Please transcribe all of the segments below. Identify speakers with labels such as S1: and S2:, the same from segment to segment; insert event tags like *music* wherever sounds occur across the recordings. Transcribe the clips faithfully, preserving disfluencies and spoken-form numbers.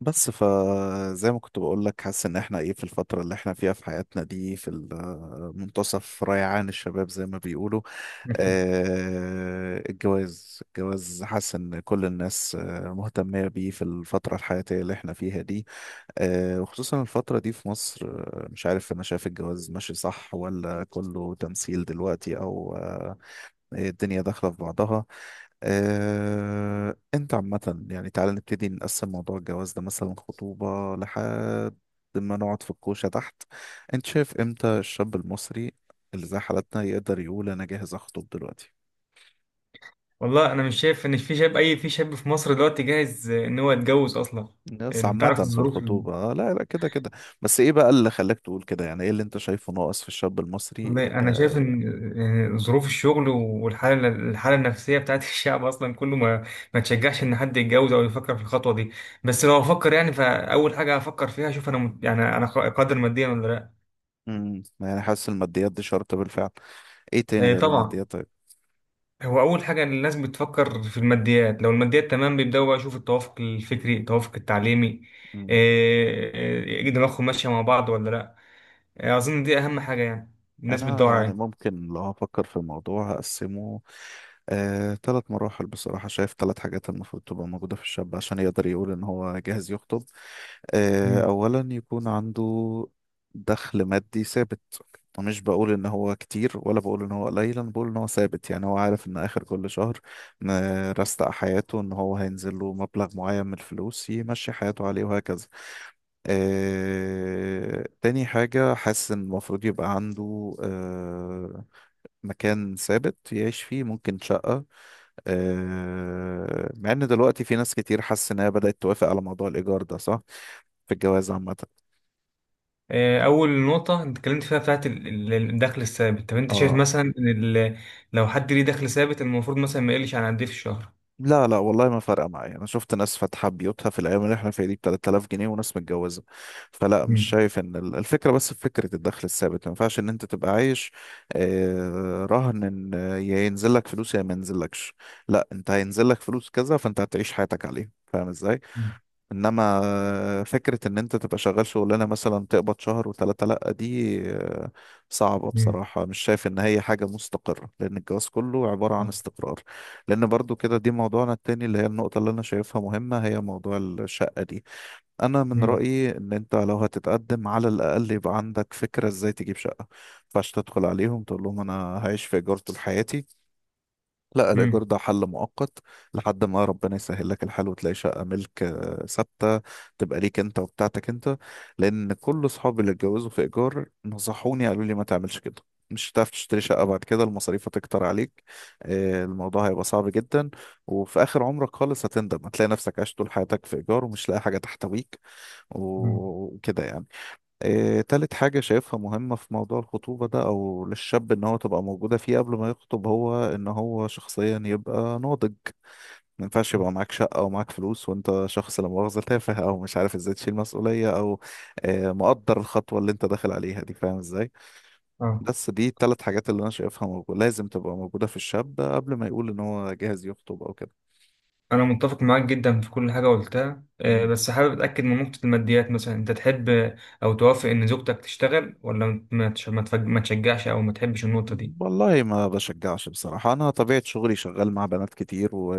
S1: بس فزي ما كنت بقول لك حاسس ان احنا ايه في الفترة اللي احنا فيها في حياتنا دي في ال- منتصف ريعان الشباب زي ما بيقولوا.
S2: *laughs*
S1: آه، الجواز الجواز حاسس ان كل الناس آه، مهتمة بيه في الفترة الحياتية اللي احنا فيها دي. آه، وخصوصا الفترة دي في مصر، آه، مش عارف انا شايف الجواز ماشي صح ولا كله تمثيل دلوقتي او إيه، الدنيا داخلة في بعضها. آه، انت عامة يعني تعالى نبتدي نقسم موضوع الجواز ده، مثلا خطوبة لحد ما نقعد في الكوشة تحت. انت شايف امتى الشاب المصري اللي زي حالتنا يقدر يقول انا جاهز اخطب دلوقتي؟
S2: والله انا مش شايف ان في شاب اي في شاب في مصر دلوقتي جاهز ان هو يتجوز اصلا.
S1: بس
S2: انت
S1: عامة
S2: عارف
S1: في
S2: الظروف ال-
S1: الخطوبة، آه، لا لا كده كده. بس ايه بقى اللي خلاك تقول كده؟ يعني ايه اللي انت شايفه ناقص في الشاب المصري؟
S2: والله انا شايف
S1: آه،
S2: ان إن ظروف الشغل والحاله الحاله النفسيه بتاعت *laughs* الشعب اصلا كله ما ما تشجعش ان حد يتجوز او يفكر في الخطوه دي. بس لو افكر يعني فاول حاجه هفكر فيها اشوف انا مت- يعني انا قادر ماديا ولا لا؟
S1: مم، يعني حاسس الماديات دي شرط بالفعل؟ ايه تاني
S2: إيه
S1: غير
S2: طبعا،
S1: الماديات؟
S2: هو اول حاجه إن الناس بتفكر في الماديات، لو الماديات تمام بيبداوا بقى يشوفوا التوافق الفكري التوافق التعليمي.
S1: طيب،
S2: إيه، إيه، دماغهم ماشيه مع بعض ولا لا؟ آه، أظن دي أهم حاجة يعني الناس
S1: انا
S2: بتدور
S1: يعني
S2: عليها.
S1: ممكن لو هفكر في الموضوع هقسمه آه، ثلاث مراحل. بصراحة شايف ثلاث حاجات المفروض تبقى موجودة في الشاب عشان يقدر يقول ان هو جاهز يخطب. آه،
S2: مم.
S1: اولا يكون عنده دخل مادي ثابت، ومش بقول ان هو كتير ولا بقول ان هو قليل، انا بقول ان هو ثابت. يعني هو عارف ان اخر كل شهر م- رستق حياته ان هو هينزل له مبلغ معين من الفلوس يمشي حياته عليه وهكذا. آه، تاني حاجة حاسس إن المفروض يبقى عنده آه، مكان ثابت يعيش فيه، ممكن شقة. آه، مع إن دلوقتي في ناس كتير حاسس إن هي بدأت توافق على موضوع الإيجار ده، صح؟ في الجواز عامة.
S2: آه، أول نقطة أنت اتكلمت فيها بتاعت ال- ال- الدخل الثابت. طب أنت شايف
S1: اه.
S2: مثلا إن ال- لو حد ليه دخل ثابت المفروض مثلا ما يقلش عن قد إيه في الشهر؟
S1: لا لا، والله ما فارقة معايا. أنا شفت ناس فاتحة بيوتها في الأيام اللي احنا فيها دي ب ثلاث آلاف جنيه وناس متجوزة، فلا، مش
S2: مم.
S1: شايف إن ال- الفكرة بس في فكرة الدخل الثابت. ما ينفعش إن أنت تبقى عايش آه، رهن إن آه، يا ينزل لك فلوس يا ما ينزلكش. لا، أنت هينزل لك فلوس كذا فأنت هتعيش حياتك عليه، فاهم إزاي؟
S2: مم.
S1: انما آه، فكرة ان انت تبقى شغال شغلانة مثلا تقبض شهر وثلاثة، لأ دي آه، صعبة
S2: مم.
S1: بصراحة. مش شايف ان هي حاجة مستقرة، لان الجواز كله عبارة عن
S2: آه.
S1: استقرار. لان برضو كده، دي موضوعنا التاني اللي هي النقطة اللي انا شايفها مهمة، هي موضوع الشقة دي. انا من
S2: مم.
S1: رأيي ان انت لو هتتقدم على الاقل يبقى عندك فكرة ازاي تجيب شقة. مينفعش تدخل عليهم تقول لهم انا هعيش في ايجار طول حياتي، لا، الإيجار
S2: مم.
S1: ده حل مؤقت لحد ما ربنا يسهل لك الحال وتلاقي شقة ملك آه، ثابتة تبقى ليك أنت وبتاعتك أنت. لأن كل أصحابي اللي اتجوزوا في إيجار نصحوني، قالوا لي ما تعملش كده، مش هتعرف تشتري شقة بعد كده، المصاريف هتكتر عليك، آه، الموضوع هيبقى صعب جدا، وفي آخر عمرك خالص هتندم، هتلاقي نفسك عايش طول حياتك في إيجار ومش لاقي حاجة تحتويك
S2: مم.
S1: وكده يعني. إيه، تالت حاجة شايفها مهمة في موضوع الخطوبة ده أو للشاب إن هو تبقى موجودة فيه قبل ما يخطب، هو إن هو شخصيا يبقى ناضج. ما ينفعش يبقى معاك شقة أو معاك فلوس وأنت شخص، لا مؤاخذة، تافه أو مش عارف إزاي تشيل مسؤولية أو آه، مقدر الخطوة اللي أنت داخل عليها دي، فاهم إزاي؟
S2: اه.
S1: بس دي التلات حاجات اللي أنا شايفها موجودة، لازم تبقى موجودة في الشاب قبل ما يقول إن هو جاهز يخطب أو كده.
S2: انا متفق معاك جدا في كل حاجه قلتها، آه،
S1: مم.
S2: بس حابب اتاكد من نقطه الماديات. مثلا انت تحب آه، او توافق ان زوجتك تشتغل ولا ما تش- ما تفج- ما تشجعش او ما تحبش النقطه دي؟
S1: والله ما بشجعش بصراحة. أنا طبيعة شغلي شغال مع بنات كتير، و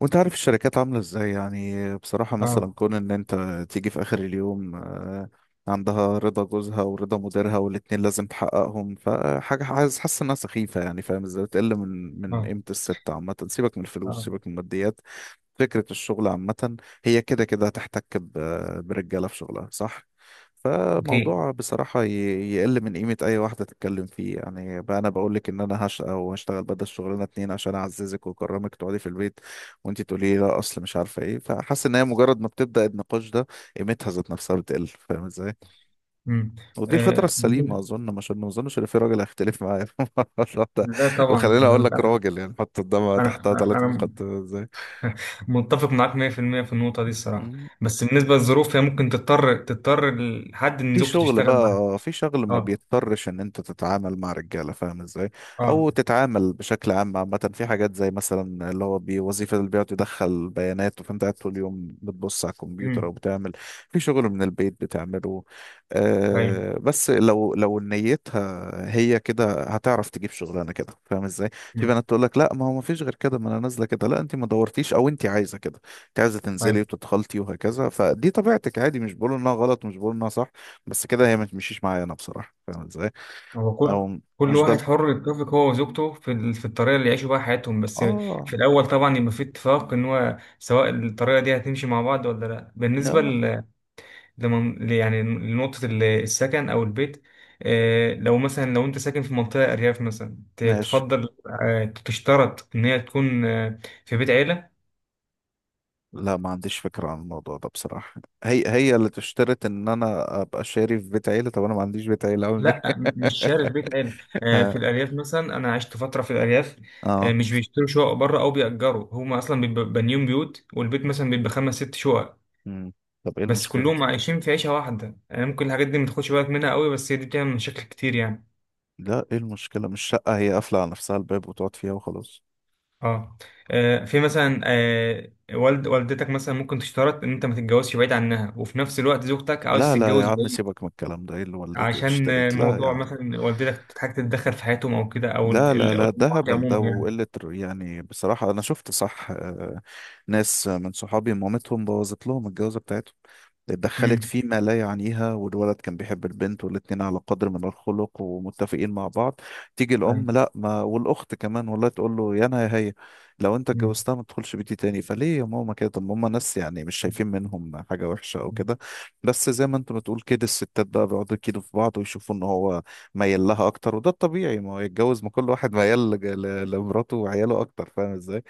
S1: وانت عارف الشركات عاملة ازاي. يعني بصراحة مثلا
S2: اه.
S1: كون ان انت تيجي في اخر اليوم آه، عندها رضا جوزها ورضا مديرها والاتنين لازم تحققهم، فحاجة عايز حاسس انها سخيفة يعني، فاهم ازاي؟ بتقل من من
S2: اه.
S1: قيمة الست عامة. سيبك من الفلوس،
S2: اه.
S1: سيبك من الماديات، فكرة الشغل عامة، هي كده كده هتحتك ب- برجالة في شغلها، صح؟
S2: اوكي.
S1: فموضوع بصراحة ي- يقل من قيمة أي واحدة تتكلم فيه. يعني بقى أنا بقولك إن أنا هشقى وهشتغل بدل الشغلانة اتنين عشان أعززك وأكرمك تقعدي في البيت، وانت تقولي لي لا اصل مش عارفه ايه، فحاسس ان هي مجرد ما بتبدا النقاش ده قيمتها ذات نفسها بتقل، فاهم ازاي؟
S2: مم.
S1: ودي الفتره
S2: آه،
S1: السليمه
S2: بالنسبة.
S1: اظن، مش ما اظنش ان في راجل هيختلف معايا في الموضوع ده.
S2: لا طبعا.
S1: وخليني اقول لك
S2: انا
S1: راجل يعني حط قدامها
S2: انا
S1: تحتها ثلاث
S2: أنا
S1: نقط ازاي.
S2: *laughs* متفق معاك مية في المية في المية في النقطة دي الصراحة. بس بالنسبة للظروف، هي ممكن تضطر تضطر لحد ان
S1: في
S2: زوجته
S1: شغل
S2: تشتغل معاه.
S1: بقى، في شغل ما
S2: اه.
S1: بيضطرش ان انت تتعامل مع رجاله، فاهم ازاي؟
S2: اه.
S1: او تتعامل بشكل عام عامه في حاجات زي مثلا اللي هو بوظيفه اللي بيقعد يدخل بيانات، وفانت قاعد طول اليوم بتبص على الكمبيوتر او
S2: امم.
S1: بتعمل في شغل من البيت بتعمله.
S2: ايوه.
S1: آه، بس لو لو نيتها هي كده هتعرف تجيب شغلانه كده، فاهم ازاي؟ في
S2: امم.
S1: بنات تقول لك لا، ما هو ما فيش غير كده، ما انا نازله كده. لا، انت ما دورتيش، او انت عايزه كده، انت عايزه تنزلي
S2: ايوه.
S1: وتتخلطي وهكذا. فدي طبيعتك، عادي، مش بقول انها غلط، مش بقول انها صح، بس كده هي ما تمشيش معايا انا بصراحه، فاهم ازاي؟
S2: هو كل
S1: او
S2: كل
S1: مش ده
S2: واحد
S1: ال-
S2: حر يتفق هو وزوجته في ال- في الطريقة اللي يعيشوا بيها حياتهم. بس
S1: اه.
S2: في الاول طبعا يبقى في اتفاق ان هو سواء الطريقة دي هتمشي مع بعض ولا لا. بالنسبة
S1: لا
S2: ل- لمن ل- يعني لنقطة ال- السكن أو البيت، آه، لو مثلا لو أنت ساكن في منطقة أرياف مثلا ت-
S1: ماشي.
S2: تفضل آه، تشترط إن هي تكون آه، في بيت عيلة؟
S1: لا، ما عنديش فكره عن الموضوع ده بصراحه. هي هي اللي تشترط ان انا ابقى شاري في بيت عيله؟ طب انا ما عنديش بيت عيله، اقول ليه؟
S2: لا م- مش شارط بيت عيلة.
S1: *laughs*
S2: آه،
S1: اه,
S2: في الأرياف مثلا أنا عشت فترة في الأرياف، آه،
S1: آه.
S2: مش بيشتروا شقق بره أو بيأجروا، هما أصلا بيبقوا بانيين بيوت، والبيت مثلا بيبقى خمس ست شقق
S1: مم. طب ايه
S2: بس
S1: المشكله؟
S2: كلهم عايشين في عيشة واحدة. آه، ممكن الحاجات دي ما تاخدش بالك منها قوي بس هي دي بتعمل مشاكل كتير يعني.
S1: لا، ايه المشكله؟ مش شقه هي قافله على نفسها الباب وتقعد فيها وخلاص.
S2: اه. آه، في مثلا آه، والد والدتك مثلا ممكن تشترط ان انت ما تتجوزش بعيد عنها، وفي نفس الوقت زوجتك عاوز
S1: لا لا يا
S2: تتجوز
S1: عم،
S2: بعيد.
S1: سيبك من الكلام ده، ايه اللي والدتي
S2: عشان آه،
S1: اشترت؟ لا يا
S2: موضوع
S1: عم.
S2: مثلا والدتك تحتاج تتدخل في حياتهم او كده، او
S1: لا
S2: ال-
S1: لا
S2: ال- أو
S1: لا، ده
S2: الامهات
S1: هبل ده
S2: عموما يعني.
S1: وقلة رو- يعني. بصراحة أنا شفت صح، آه، ناس من صحابي مامتهم بوظت لهم الجوازة بتاعتهم، اتدخلت
S2: امم.
S1: فيما لا يعنيها، والولد كان بيحب البنت والاتنين على قدر من الخلق ومتفقين مع بعض. تيجي
S2: طيب.
S1: الأم لا ما، والأخت كمان والله، تقول له يا أنا يا هي، لو أنت
S2: امم.
S1: اتجوزتها ما تدخلش بيتي تاني. فليه يا ماما كده؟ طب ما هم ناس، يعني مش شايفين منهم حاجة وحشة أو كده، بس زي ما أنت بتقول كده الستات بقى بيقعدوا يكيدوا في بعض، ويشوفوا إن هو ميال لها اكتر، وده الطبيعي، ما هو يتجوز، ما كل واحد ميال ل- ل- لمراته وعياله اكتر، فاهم ازاي؟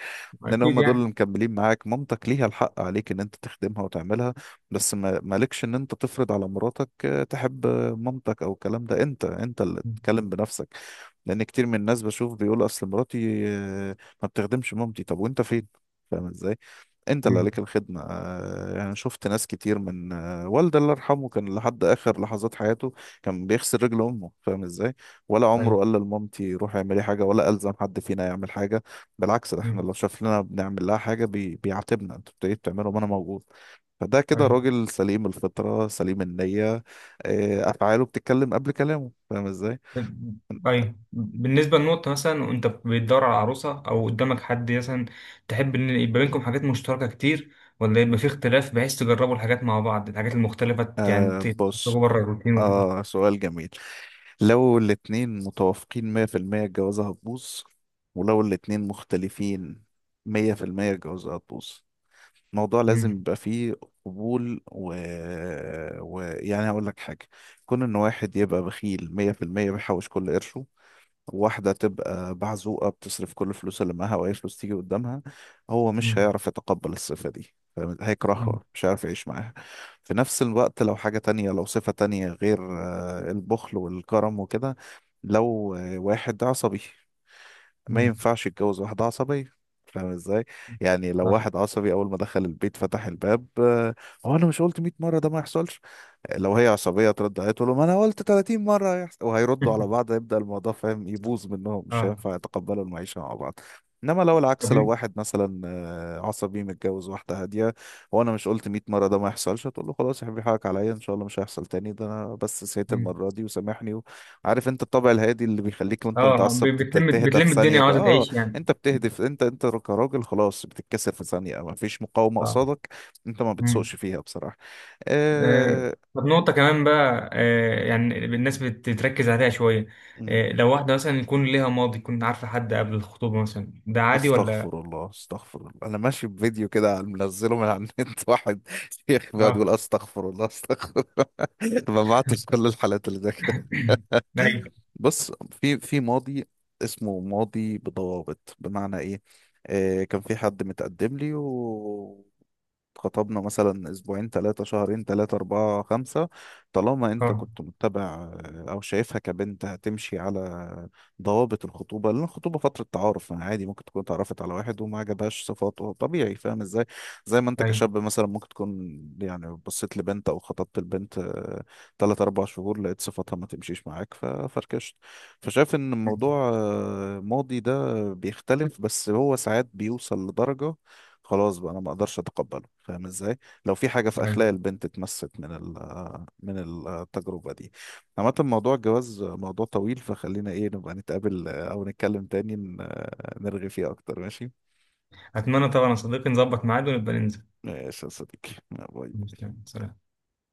S1: لان
S2: اكيد
S1: هم دول اللي
S2: يعني.
S1: مكملين معاك. مامتك ليها الحق عليك ان انت تخدمها وتعملها، بس ما مالكش ان انت تفرض على مراتك آه، تحب مامتك او الكلام ده، انت انت اللي تتكلم بنفسك. لان كتير من الناس بشوف بيقول اصل مراتي آه، ما بتخدمش مامتي. طب وانت فين؟ فاهم ازاي؟ انت اللي
S2: امم.
S1: عليك الخدمة. آه، يعني شفت ناس كتير من آه، والدي الله يرحمه كان لحد اخر لحظات حياته كان بيغسل رجل امه، فاهم ازاي؟ ولا عمره
S2: طيب.
S1: قال لمامتي روحي اعملي حاجة، ولا الزم حد فينا يعمل حاجة. بالعكس، ده احنا
S2: امم.
S1: لو شاف لنا بنعمل لها حاجة بي... بيعاتبنا، انتوا بتيجوا بتعملوا وانا موجود. فده كده
S2: طيب.
S1: راجل سليم الفطرة، سليم النية. آه، افعاله بتتكلم قبل كلامه، فاهم ازاي؟
S2: أيوة. بالنسبة للنقطة مثلا وأنت بتدور على عروسة أو قدامك حد مثلا، تحب إن يبقى بينكم حاجات مشتركة كتير، ولا يبقى في اختلاف بحيث تجربوا الحاجات مع بعض، الحاجات المختلفة ت- يعني
S1: آه
S2: ت- تخرجوا
S1: بص،
S2: بره الروتين وكده؟
S1: آه سؤال جميل. لو الاتنين متوافقين مية في المية الجوازة هتبوظ، ولو الاتنين مختلفين مية في المية الجوازة هتبوظ. الموضوع
S2: مم.
S1: لازم يبقى فيه قبول و... و... يعني هقول لك حاجة. كون إن واحد يبقى بخيل مية في المية بيحوش كل قرشه، واحدة تبقى بعزوقة بتصرف كل الفلوس اللي معاها وأي فلوس تيجي قدامها، هو مش
S2: مم.
S1: هيعرف يتقبل الصفة دي، فاهم؟
S2: مم.
S1: هيكرهها، مش هيعرف يعيش معاها. في نفس الوقت لو حاجة تانية، لو صفة تانية غير آه، البخل والكرم وكده، لو آه، واحد عصبي ما
S2: مم.
S1: ينفعش يتجوز واحدة عصبية، فاهم ازاي؟ يعني لو
S2: صح.
S1: واحد عصبي أول ما دخل البيت فتح الباب آه، هو أنا مش قلت 100 مرة ده ما يحصلش، لو هي عصبية ترد عليه تقول له ما انا قلت 30 مرة هيحصل، وهيردوا على بعض،
S2: *laughs*
S1: هيبدأ الموضوع فاهم يبوظ منهم، مش
S2: اه.
S1: هينفع يتقبلوا المعيشة مع بعض. انما لو
S2: طب
S1: العكس، لو
S2: مين-
S1: واحد مثلا آه، عصبي متجوز واحدة هادية، وانا مش قلت 100 مرة ده ما يحصلش، هتقول له خلاص يا حبيبي حقك عليا ان شاء الله مش هيحصل تاني، ده انا بس سهيت
S2: مين؟
S1: المرة دي وسامحني. عارف انت الطبع الهادي اللي بيخليك
S2: اه،
S1: وانت
S2: آه، ب-
S1: متعصب تت-
S2: بتلم
S1: تهدى في
S2: بتلم
S1: ثانية
S2: الدنيا
S1: كده.
S2: وعاوزة
S1: اه
S2: تعيش يعني.
S1: انت بتهدف، انت انت كراجل خلاص بتتكسر في ثانية، ما فيش مقاومة
S2: اه.
S1: قصادك، انت ما
S2: مم.
S1: بتسوقش فيها بصراحة.
S2: آه،
S1: آه،
S2: طب نقطة كمان بقى، آه، يعني الناس بتتركز عليها شوية،
S1: مم.
S2: آه، لو واحدة مثلا يكون ليها ماضي، يكون عارفة حد قبل الخطوبة مثلا، ده عادي ولا؟
S1: استغفر الله استغفر الله، انا ماشي بفيديو كده منزله من على النت *laughs* واحد شيخ بيقعد يقول
S2: اه.
S1: استغفر الله استغفر الله *laughs* ببعت كل الحالات اللي زي كده.
S2: *coughs* ايوه.
S1: بص، في في ماضي اسمه ماضي بضوابط. بمعنى ايه؟ آه كان في حد متقدم لي، اتخطبنا مثلا اسبوعين، ثلاثة، شهرين، ثلاثة، أربعة، خمسة، طالما انت
S2: اه.
S1: كنت متبع آه، او شايفها كبنت هتمشي على ضوابط الخطوبة. لان الخطوبة فترة تعارف، يعني عادي ممكن تكون اتعرفت على واحد وما عجبهاش صفاته، طبيعي، فاهم ازاي؟ زي ما انت
S2: ايوه.
S1: كشاب مثلا ممكن تكون يعني بصيت لبنت او خطبت البنت ثلاث أربع شهور لقيت صفاتها ما تمشيش معاك ففركشت. فشايف ان الموضوع آه، ماضي ده بيختلف، بس هو ساعات بيوصل لدرجة خلاص بقى انا ما اقدرش اتقبله، فاهم ازاي؟ لو في حاجه في
S2: ايوه.
S1: اخلاق البنت اتمست من ال- من التجربه دي. عامه موضوع الجواز موضوع طويل، فخلينا ايه نبقى نتقابل او نتكلم تاني ن- نرغي فيه اكتر. ماشي
S2: اتمنى طبعا يا صديقي نظبط ميعاد ونبقى ننزل.
S1: ماشي يا صديقي، باي.
S2: سلام.